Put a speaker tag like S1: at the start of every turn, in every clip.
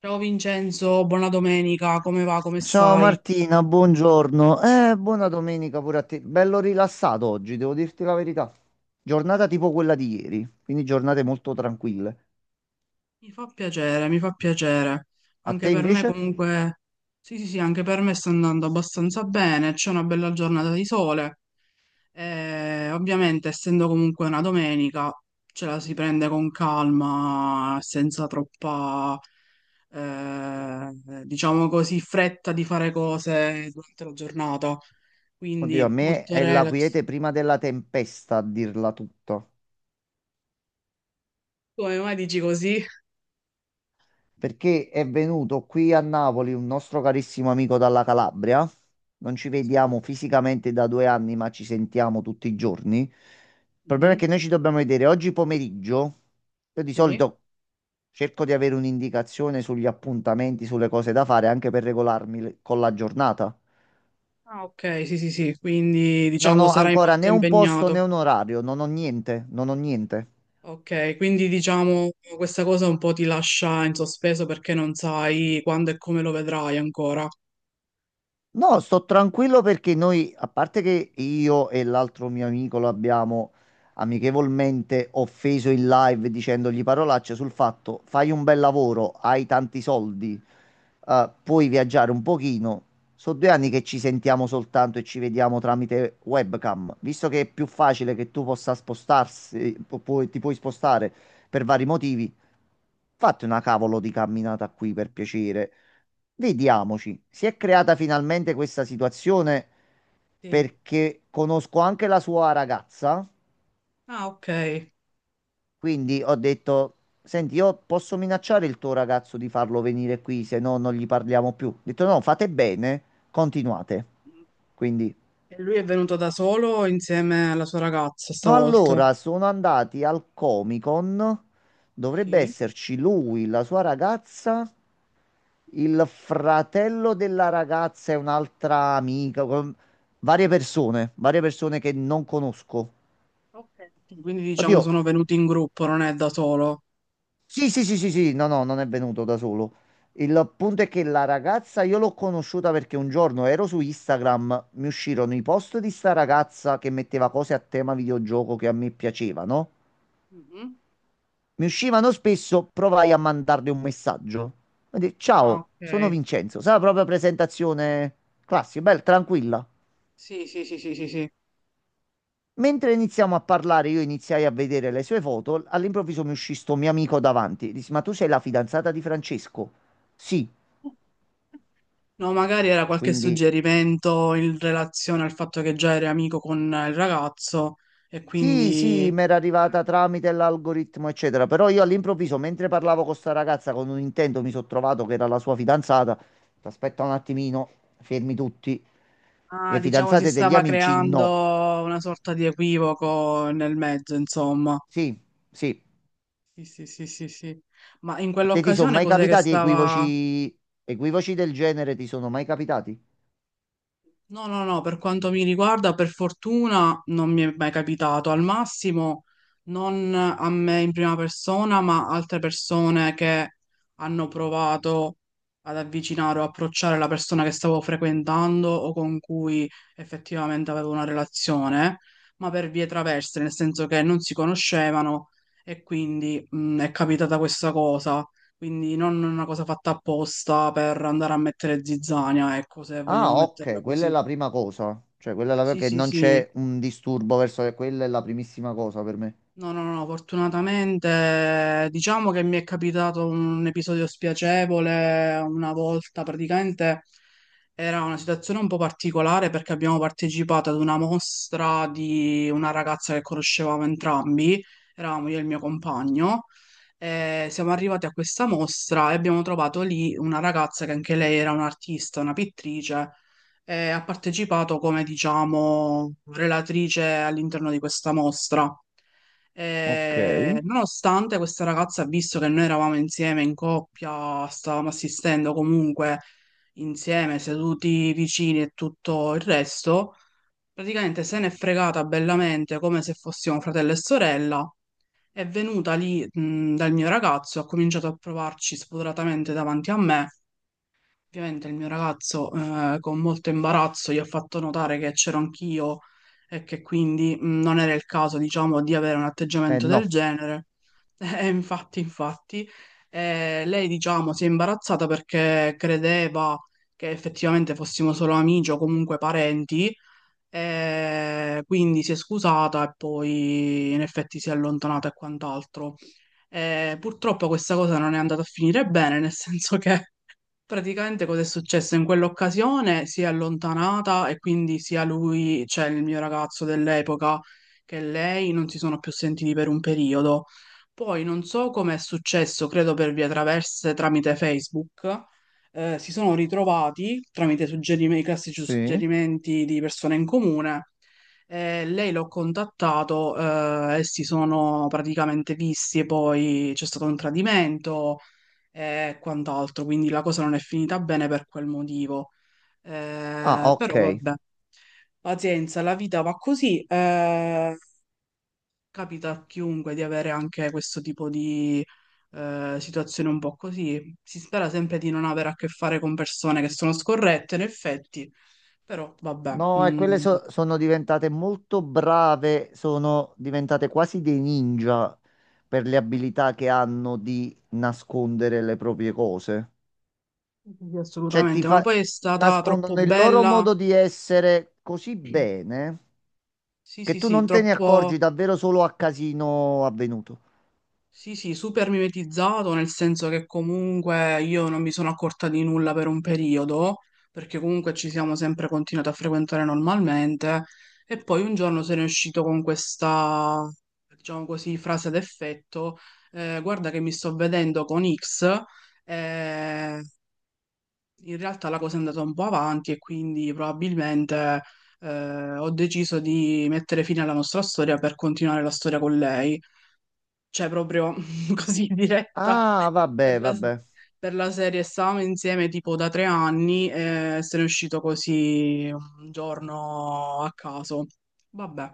S1: Ciao Vincenzo, buona domenica, come va, come
S2: Ciao
S1: stai?
S2: Martina, buongiorno. Buona domenica pure a te. Bello rilassato oggi, devo dirti la verità. Giornata tipo quella di ieri, quindi giornate molto tranquille.
S1: Mi fa piacere, mi fa piacere.
S2: A
S1: Anche
S2: te
S1: per me
S2: invece?
S1: comunque, sì sì sì, anche per me sta andando abbastanza bene, c'è una bella giornata di sole. E ovviamente, essendo comunque una domenica, ce la si prende con calma, senza troppa, eh, diciamo così, fretta di fare cose durante la giornata.
S2: Oddio, a
S1: Quindi
S2: me
S1: molto
S2: è la
S1: relax.
S2: quiete prima della tempesta, a dirla tutta.
S1: Come mai dici così?
S2: Perché è venuto qui a Napoli un nostro carissimo amico dalla Calabria. Non ci
S1: Sì.
S2: vediamo fisicamente da 2 anni, ma ci sentiamo tutti i giorni. Il problema è
S1: Mhm.
S2: che noi ci dobbiamo vedere oggi pomeriggio. Io di
S1: Sì.
S2: solito cerco di avere un'indicazione sugli appuntamenti, sulle cose da fare, anche per regolarmi con la giornata.
S1: Ah, ok, sì, sì, sì, quindi
S2: Non
S1: diciamo
S2: ho
S1: sarai
S2: ancora
S1: molto
S2: né un posto né
S1: impegnato.
S2: un orario, non ho niente, non ho niente.
S1: Ok, quindi diciamo questa cosa un po' ti lascia in sospeso perché non sai quando e come lo vedrai ancora.
S2: No, sto tranquillo perché noi, a parte che io e l'altro mio amico lo abbiamo amichevolmente offeso in live dicendogli parolacce sul fatto, fai un bel lavoro, hai tanti soldi, puoi viaggiare un pochino. Sono 2 anni che ci sentiamo soltanto e ci vediamo tramite webcam. Visto che è più facile che tu possa spostarsi, ti puoi spostare per vari motivi, fatti una cavolo di camminata qui per piacere. Vediamoci, si è creata finalmente questa situazione
S1: Sì.
S2: perché conosco anche la sua ragazza,
S1: Ah, ok. E
S2: quindi ho detto, senti, io posso minacciare il tuo ragazzo di farlo venire qui, se no non gli parliamo più. Ho detto no, fate bene, continuate. Quindi,
S1: lui è venuto da solo insieme alla sua ragazza
S2: no,
S1: stavolta?
S2: allora sono andati al Comic Con, dovrebbe
S1: Sì.
S2: esserci lui, la sua ragazza, il fratello della ragazza e un'altra amica, varie persone che non conosco.
S1: Ok. Quindi diciamo
S2: Oddio,
S1: sono venuti in gruppo, non è da solo.
S2: sì, sì, sì, sì, sì, no, no, non è venuto da solo. Il punto è che la ragazza io l'ho conosciuta perché un giorno ero su Instagram, mi uscirono i post di sta ragazza che metteva cose a tema videogioco che a me piacevano.
S1: Mhm.
S2: Mi uscivano spesso, provai a mandarle un messaggio. Mi disse:
S1: Ah,
S2: "Ciao, sono
S1: ok.
S2: Vincenzo". Sai, la propria presentazione classica, bella, tranquilla.
S1: Sì, sì, sì, sì, sì, sì.
S2: Mentre iniziamo a parlare, io iniziai a vedere le sue foto. All'improvviso mi uscì sto mio amico davanti. Dissi: "Ma tu sei la fidanzata di Francesco?" Sì,
S1: No, magari era qualche
S2: quindi
S1: suggerimento in relazione al fatto che già eri amico con il ragazzo e
S2: sì,
S1: quindi,
S2: sì, mi era arrivata tramite l'algoritmo, eccetera. Però io all'improvviso, mentre
S1: sì.
S2: parlavo con sta ragazza con un intento, mi sono trovato che era la sua fidanzata. Aspetta un attimino, fermi tutti.
S1: Ah,
S2: Le
S1: diciamo, si
S2: fidanzate degli
S1: stava
S2: amici? No.
S1: creando una sorta di equivoco nel mezzo, insomma.
S2: Sì, sì.
S1: Sì, sì, sì, sì, sì. Ma in
S2: A te ti sono
S1: quell'occasione
S2: mai
S1: cos'è che
S2: capitati
S1: stava.
S2: equivoci, equivoci del genere? Ti sono mai capitati?
S1: No, no, no, per quanto mi riguarda, per fortuna non mi è mai capitato. Al massimo, non a me in prima persona, ma altre persone che hanno provato ad avvicinare o approcciare la persona che stavo frequentando o con cui effettivamente avevo una relazione, ma per vie traverse, nel senso che non si conoscevano e quindi è capitata questa cosa. Quindi non una cosa fatta apposta per andare a mettere zizzania, ecco, se
S2: Ah,
S1: vogliamo metterla
S2: ok, quella è
S1: così.
S2: la prima cosa. Cioè, quella è la...
S1: Sì,
S2: che
S1: sì,
S2: non
S1: sì.
S2: c'è un disturbo verso... Quella è la primissima cosa per me.
S1: No, no, no, fortunatamente diciamo che mi è capitato un episodio spiacevole una volta, praticamente era una situazione un po' particolare perché abbiamo partecipato ad una mostra di una ragazza che conoscevamo entrambi, eravamo io e il mio compagno, e siamo arrivati a questa mostra e abbiamo trovato lì una ragazza che anche lei era un'artista, una pittrice, e ha partecipato come, diciamo, relatrice all'interno di questa mostra.
S2: Ok.
S1: E nonostante questa ragazza ha visto che noi eravamo insieme in coppia, stavamo assistendo comunque insieme, seduti vicini e tutto il resto, praticamente se n'è fregata bellamente come se fossimo fratello e sorella. È venuta lì, dal mio ragazzo, ha cominciato a provarci spudoratamente davanti a me. Ovviamente il mio ragazzo, con molto imbarazzo, gli ha fatto notare che c'ero anch'io e che quindi non era il caso, diciamo, di avere un atteggiamento del
S2: No.
S1: genere. E infatti, lei, diciamo, si è imbarazzata perché credeva che effettivamente fossimo solo amici o comunque parenti, e quindi si è scusata e poi in effetti si è allontanata e quant'altro. Purtroppo questa cosa non è andata a finire bene, nel senso che praticamente cosa è successo? In quell'occasione si è allontanata e quindi sia lui, cioè il mio ragazzo dell'epoca, che lei non si sono più sentiti per un periodo. Poi non so come è successo, credo per vie traverse tramite Facebook, si sono ritrovati tramite i classici
S2: Sì.
S1: suggerimenti di persone in comune. Lei l'ho contattato e si sono praticamente visti e poi c'è stato un tradimento e quant'altro, quindi la cosa non è finita bene per quel motivo.
S2: Ah,
S1: Però
S2: ok.
S1: vabbè, pazienza, la vita va così. Capita a chiunque di avere anche questo tipo di situazione un po' così. Si spera sempre di non avere a che fare con persone che sono scorrette, in effetti, però vabbè,
S2: No, e
S1: mm,
S2: quelle sono diventate molto brave, sono diventate quasi dei ninja per le abilità che hanno di nascondere le proprie cose.
S1: sì, sì, sì,
S2: Cioè, ti
S1: assolutamente. Ma
S2: fa...
S1: poi è stata troppo
S2: nascondono il loro
S1: bella.
S2: modo di essere così bene
S1: Sì,
S2: che
S1: sì,
S2: tu
S1: sì,
S2: non te ne
S1: troppo.
S2: accorgi davvero solo a casino avvenuto.
S1: Sì, sì, super mimetizzato, nel senso che comunque io non mi sono accorta di nulla per un periodo, perché comunque ci siamo sempre continuati a frequentare normalmente, e poi un giorno se ne è uscito con questa, diciamo così, frase d'effetto, guarda che mi sto vedendo con X, eh, in realtà la cosa è andata un po' avanti e quindi probabilmente ho deciso di mettere fine alla nostra storia per continuare la storia con lei, cioè proprio così diretta
S2: Ah,
S1: per
S2: vabbè,
S1: la, se-
S2: vabbè.
S1: per la serie. Stavamo insieme tipo da 3 anni e se ne è uscito così un giorno a caso. Vabbè,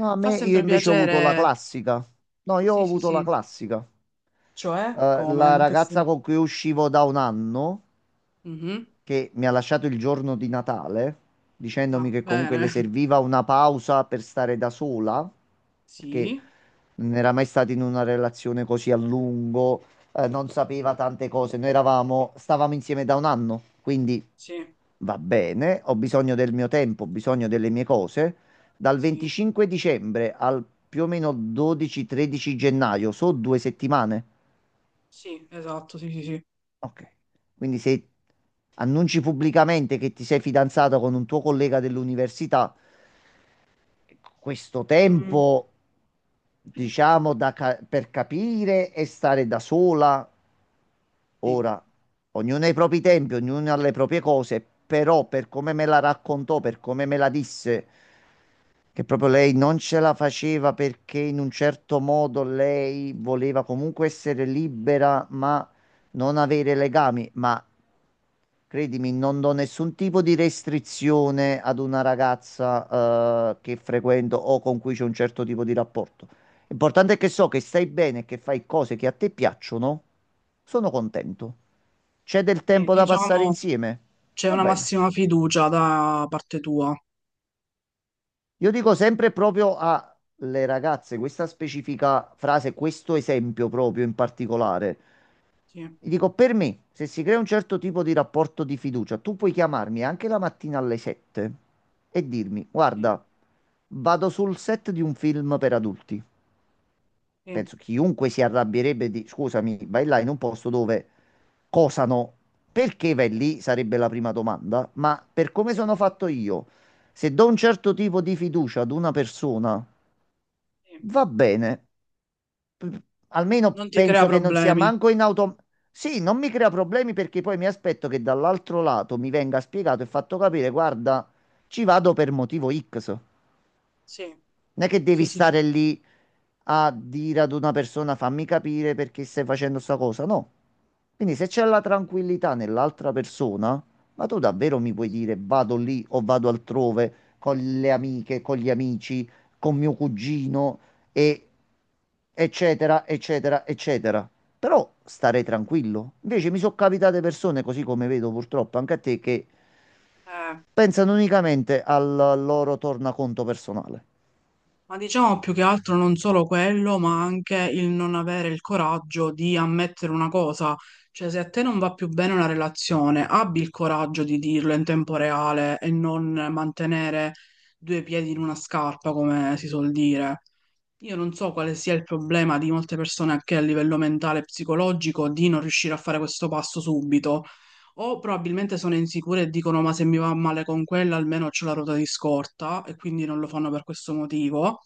S2: No, a
S1: fa
S2: me, io
S1: sempre
S2: invece ho avuto la
S1: piacere.
S2: classica. No, io ho
S1: Sì, sì,
S2: avuto la
S1: sì.
S2: classica.
S1: Cioè, come?
S2: La
S1: In che sen-.
S2: ragazza con cui uscivo da un anno,
S1: Mhm.
S2: che mi ha lasciato il giorno di Natale, dicendomi
S1: Ah,
S2: che comunque le
S1: bene.
S2: serviva una pausa per stare da sola, perché
S1: Sì,
S2: non era mai stata in una relazione così a lungo, non sapeva tante cose. Noi eravamo, stavamo insieme da un anno, quindi
S1: sì,
S2: va bene, ho bisogno del mio tempo, ho bisogno delle mie cose. Dal
S1: sì,
S2: 25 dicembre al più o meno 12-13 gennaio, so 2 settimane.
S1: sì, esatto, sì, sì, sì.
S2: Ok. Quindi se annunci pubblicamente che ti sei fidanzato con un tuo collega dell'università, questo
S1: Mm,
S2: tempo, diciamo, da per capire e stare da sola,
S1: sì.
S2: ora, ognuno ha i propri tempi, ognuno ha le proprie cose, però per come me la raccontò, per come me la disse, che proprio lei non ce la faceva perché in un certo modo lei voleva comunque essere libera, ma non avere legami, ma credimi, non do nessun tipo di restrizione ad una ragazza, che frequento o con cui c'è un certo tipo di rapporto. L'importante è che so che stai bene, che fai cose che a te piacciono. Sono contento. C'è del
S1: Sì,
S2: tempo da passare
S1: diciamo
S2: insieme?
S1: c'è
S2: Va
S1: una
S2: bene.
S1: massima fiducia da parte tua.
S2: Io dico sempre proprio alle ragazze questa specifica frase, questo esempio proprio in particolare.
S1: Sì,
S2: Gli dico, per me, se si crea un certo tipo di rapporto di fiducia, tu puoi chiamarmi anche la mattina alle 7 e dirmi:
S1: sì,
S2: "Guarda, vado sul set di un film per adulti".
S1: sì,
S2: Penso chiunque si arrabbierebbe di, scusami, vai là in un posto dove cosano. Perché vai lì? Sarebbe la prima domanda. Ma per come
S1: sì,
S2: sono fatto io, se do un certo tipo di fiducia ad una persona,
S1: sì.
S2: va bene, p- almeno
S1: Non ti crea
S2: penso che non sia
S1: problemi.
S2: manco in auto. Sì, non mi crea problemi perché poi mi aspetto che dall'altro lato mi venga spiegato e fatto capire: guarda, ci vado per motivo X.
S1: Sì,
S2: Non è che devi
S1: sì, sì, sì.
S2: stare lì a dire ad una persona fammi capire perché stai facendo sta cosa, no. Quindi se c'è la tranquillità nell'altra persona, ma tu davvero mi puoi dire vado lì o vado altrove con le amiche, con gli amici, con mio cugino e eccetera, eccetera, eccetera. Però stare tranquillo. Invece mi sono capitate persone, così come vedo purtroppo anche a te, che
S1: Eh,
S2: pensano unicamente al loro tornaconto personale.
S1: ma diciamo più che altro non solo quello, ma anche il non avere il coraggio di ammettere una cosa. Cioè, se a te non va più bene una relazione, abbi il coraggio di dirlo in tempo reale e non mantenere due piedi in una scarpa, come si suol dire. Io non so quale sia il problema di molte persone anche a livello mentale e psicologico di non riuscire a fare questo passo subito, o probabilmente sono insicure e dicono ma se mi va male con quella almeno ho la ruota di scorta e quindi non lo fanno per questo motivo,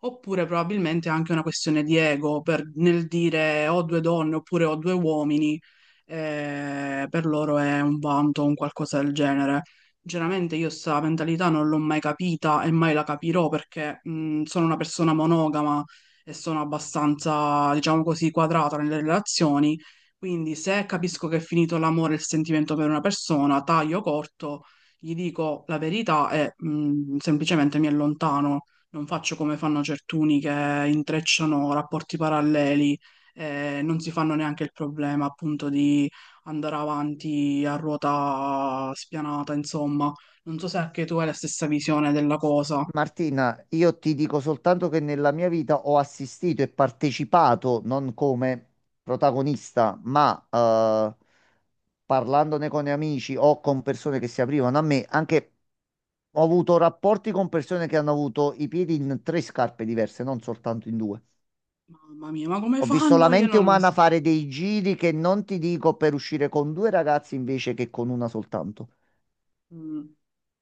S1: oppure probabilmente è anche una questione di ego nel dire ho due donne oppure ho due uomini, per loro è un vanto o un qualcosa del genere. Sinceramente io sta mentalità non l'ho mai capita e mai la capirò perché sono una persona monogama e sono abbastanza, diciamo così, quadrata nelle relazioni. Quindi se capisco che è finito l'amore e il sentimento per una persona, taglio corto, gli dico la verità e semplicemente mi allontano. Non faccio come fanno certuni che intrecciano rapporti paralleli e non si fanno neanche il problema appunto di andare avanti a ruota spianata, insomma. Non so se anche tu hai la stessa visione della cosa.
S2: Martina, io ti dico soltanto che nella mia vita ho assistito e partecipato, non come protagonista, ma parlandone con amici o con persone che si aprivano a me, anche ho avuto rapporti con persone che hanno avuto i piedi in tre scarpe diverse, non soltanto in due.
S1: Mamma mia, ma come
S2: Ho visto la
S1: fanno? Io
S2: mente
S1: non lo
S2: umana
S1: so.
S2: fare dei giri che non ti dico per uscire con due ragazzi invece che con una soltanto.
S1: Mm,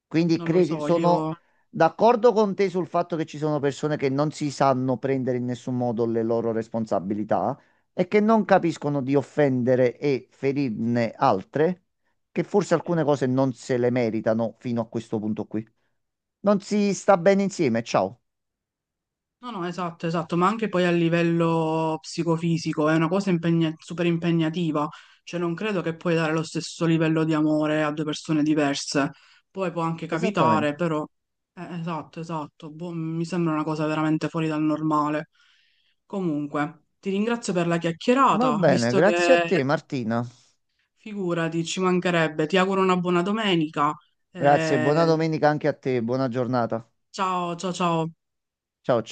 S2: Quindi
S1: non lo
S2: credi,
S1: so,
S2: sono
S1: io...
S2: d'accordo con te sul fatto che ci sono persone che non si sanno prendere in nessun modo le loro responsabilità e che non capiscono di offendere e ferirne altre, che forse alcune cose non se le meritano fino a questo punto qui. Non si sta bene insieme, ciao.
S1: No, no, esatto, esatto, ma anche poi a livello psicofisico è una cosa super impegnativa, cioè non credo che puoi dare lo stesso livello di amore a due persone diverse, poi può anche capitare,
S2: Esattamente.
S1: però esatto, esatto, boh, mi sembra una cosa veramente fuori dal normale. Comunque, ti ringrazio per la
S2: Va
S1: chiacchierata,
S2: bene,
S1: visto
S2: grazie a
S1: che
S2: te Martina.
S1: figurati, ci mancherebbe, ti auguro una buona domenica,
S2: Grazie, buona
S1: eh,
S2: domenica anche a te, buona giornata.
S1: ciao, ciao, ciao.
S2: Ciao.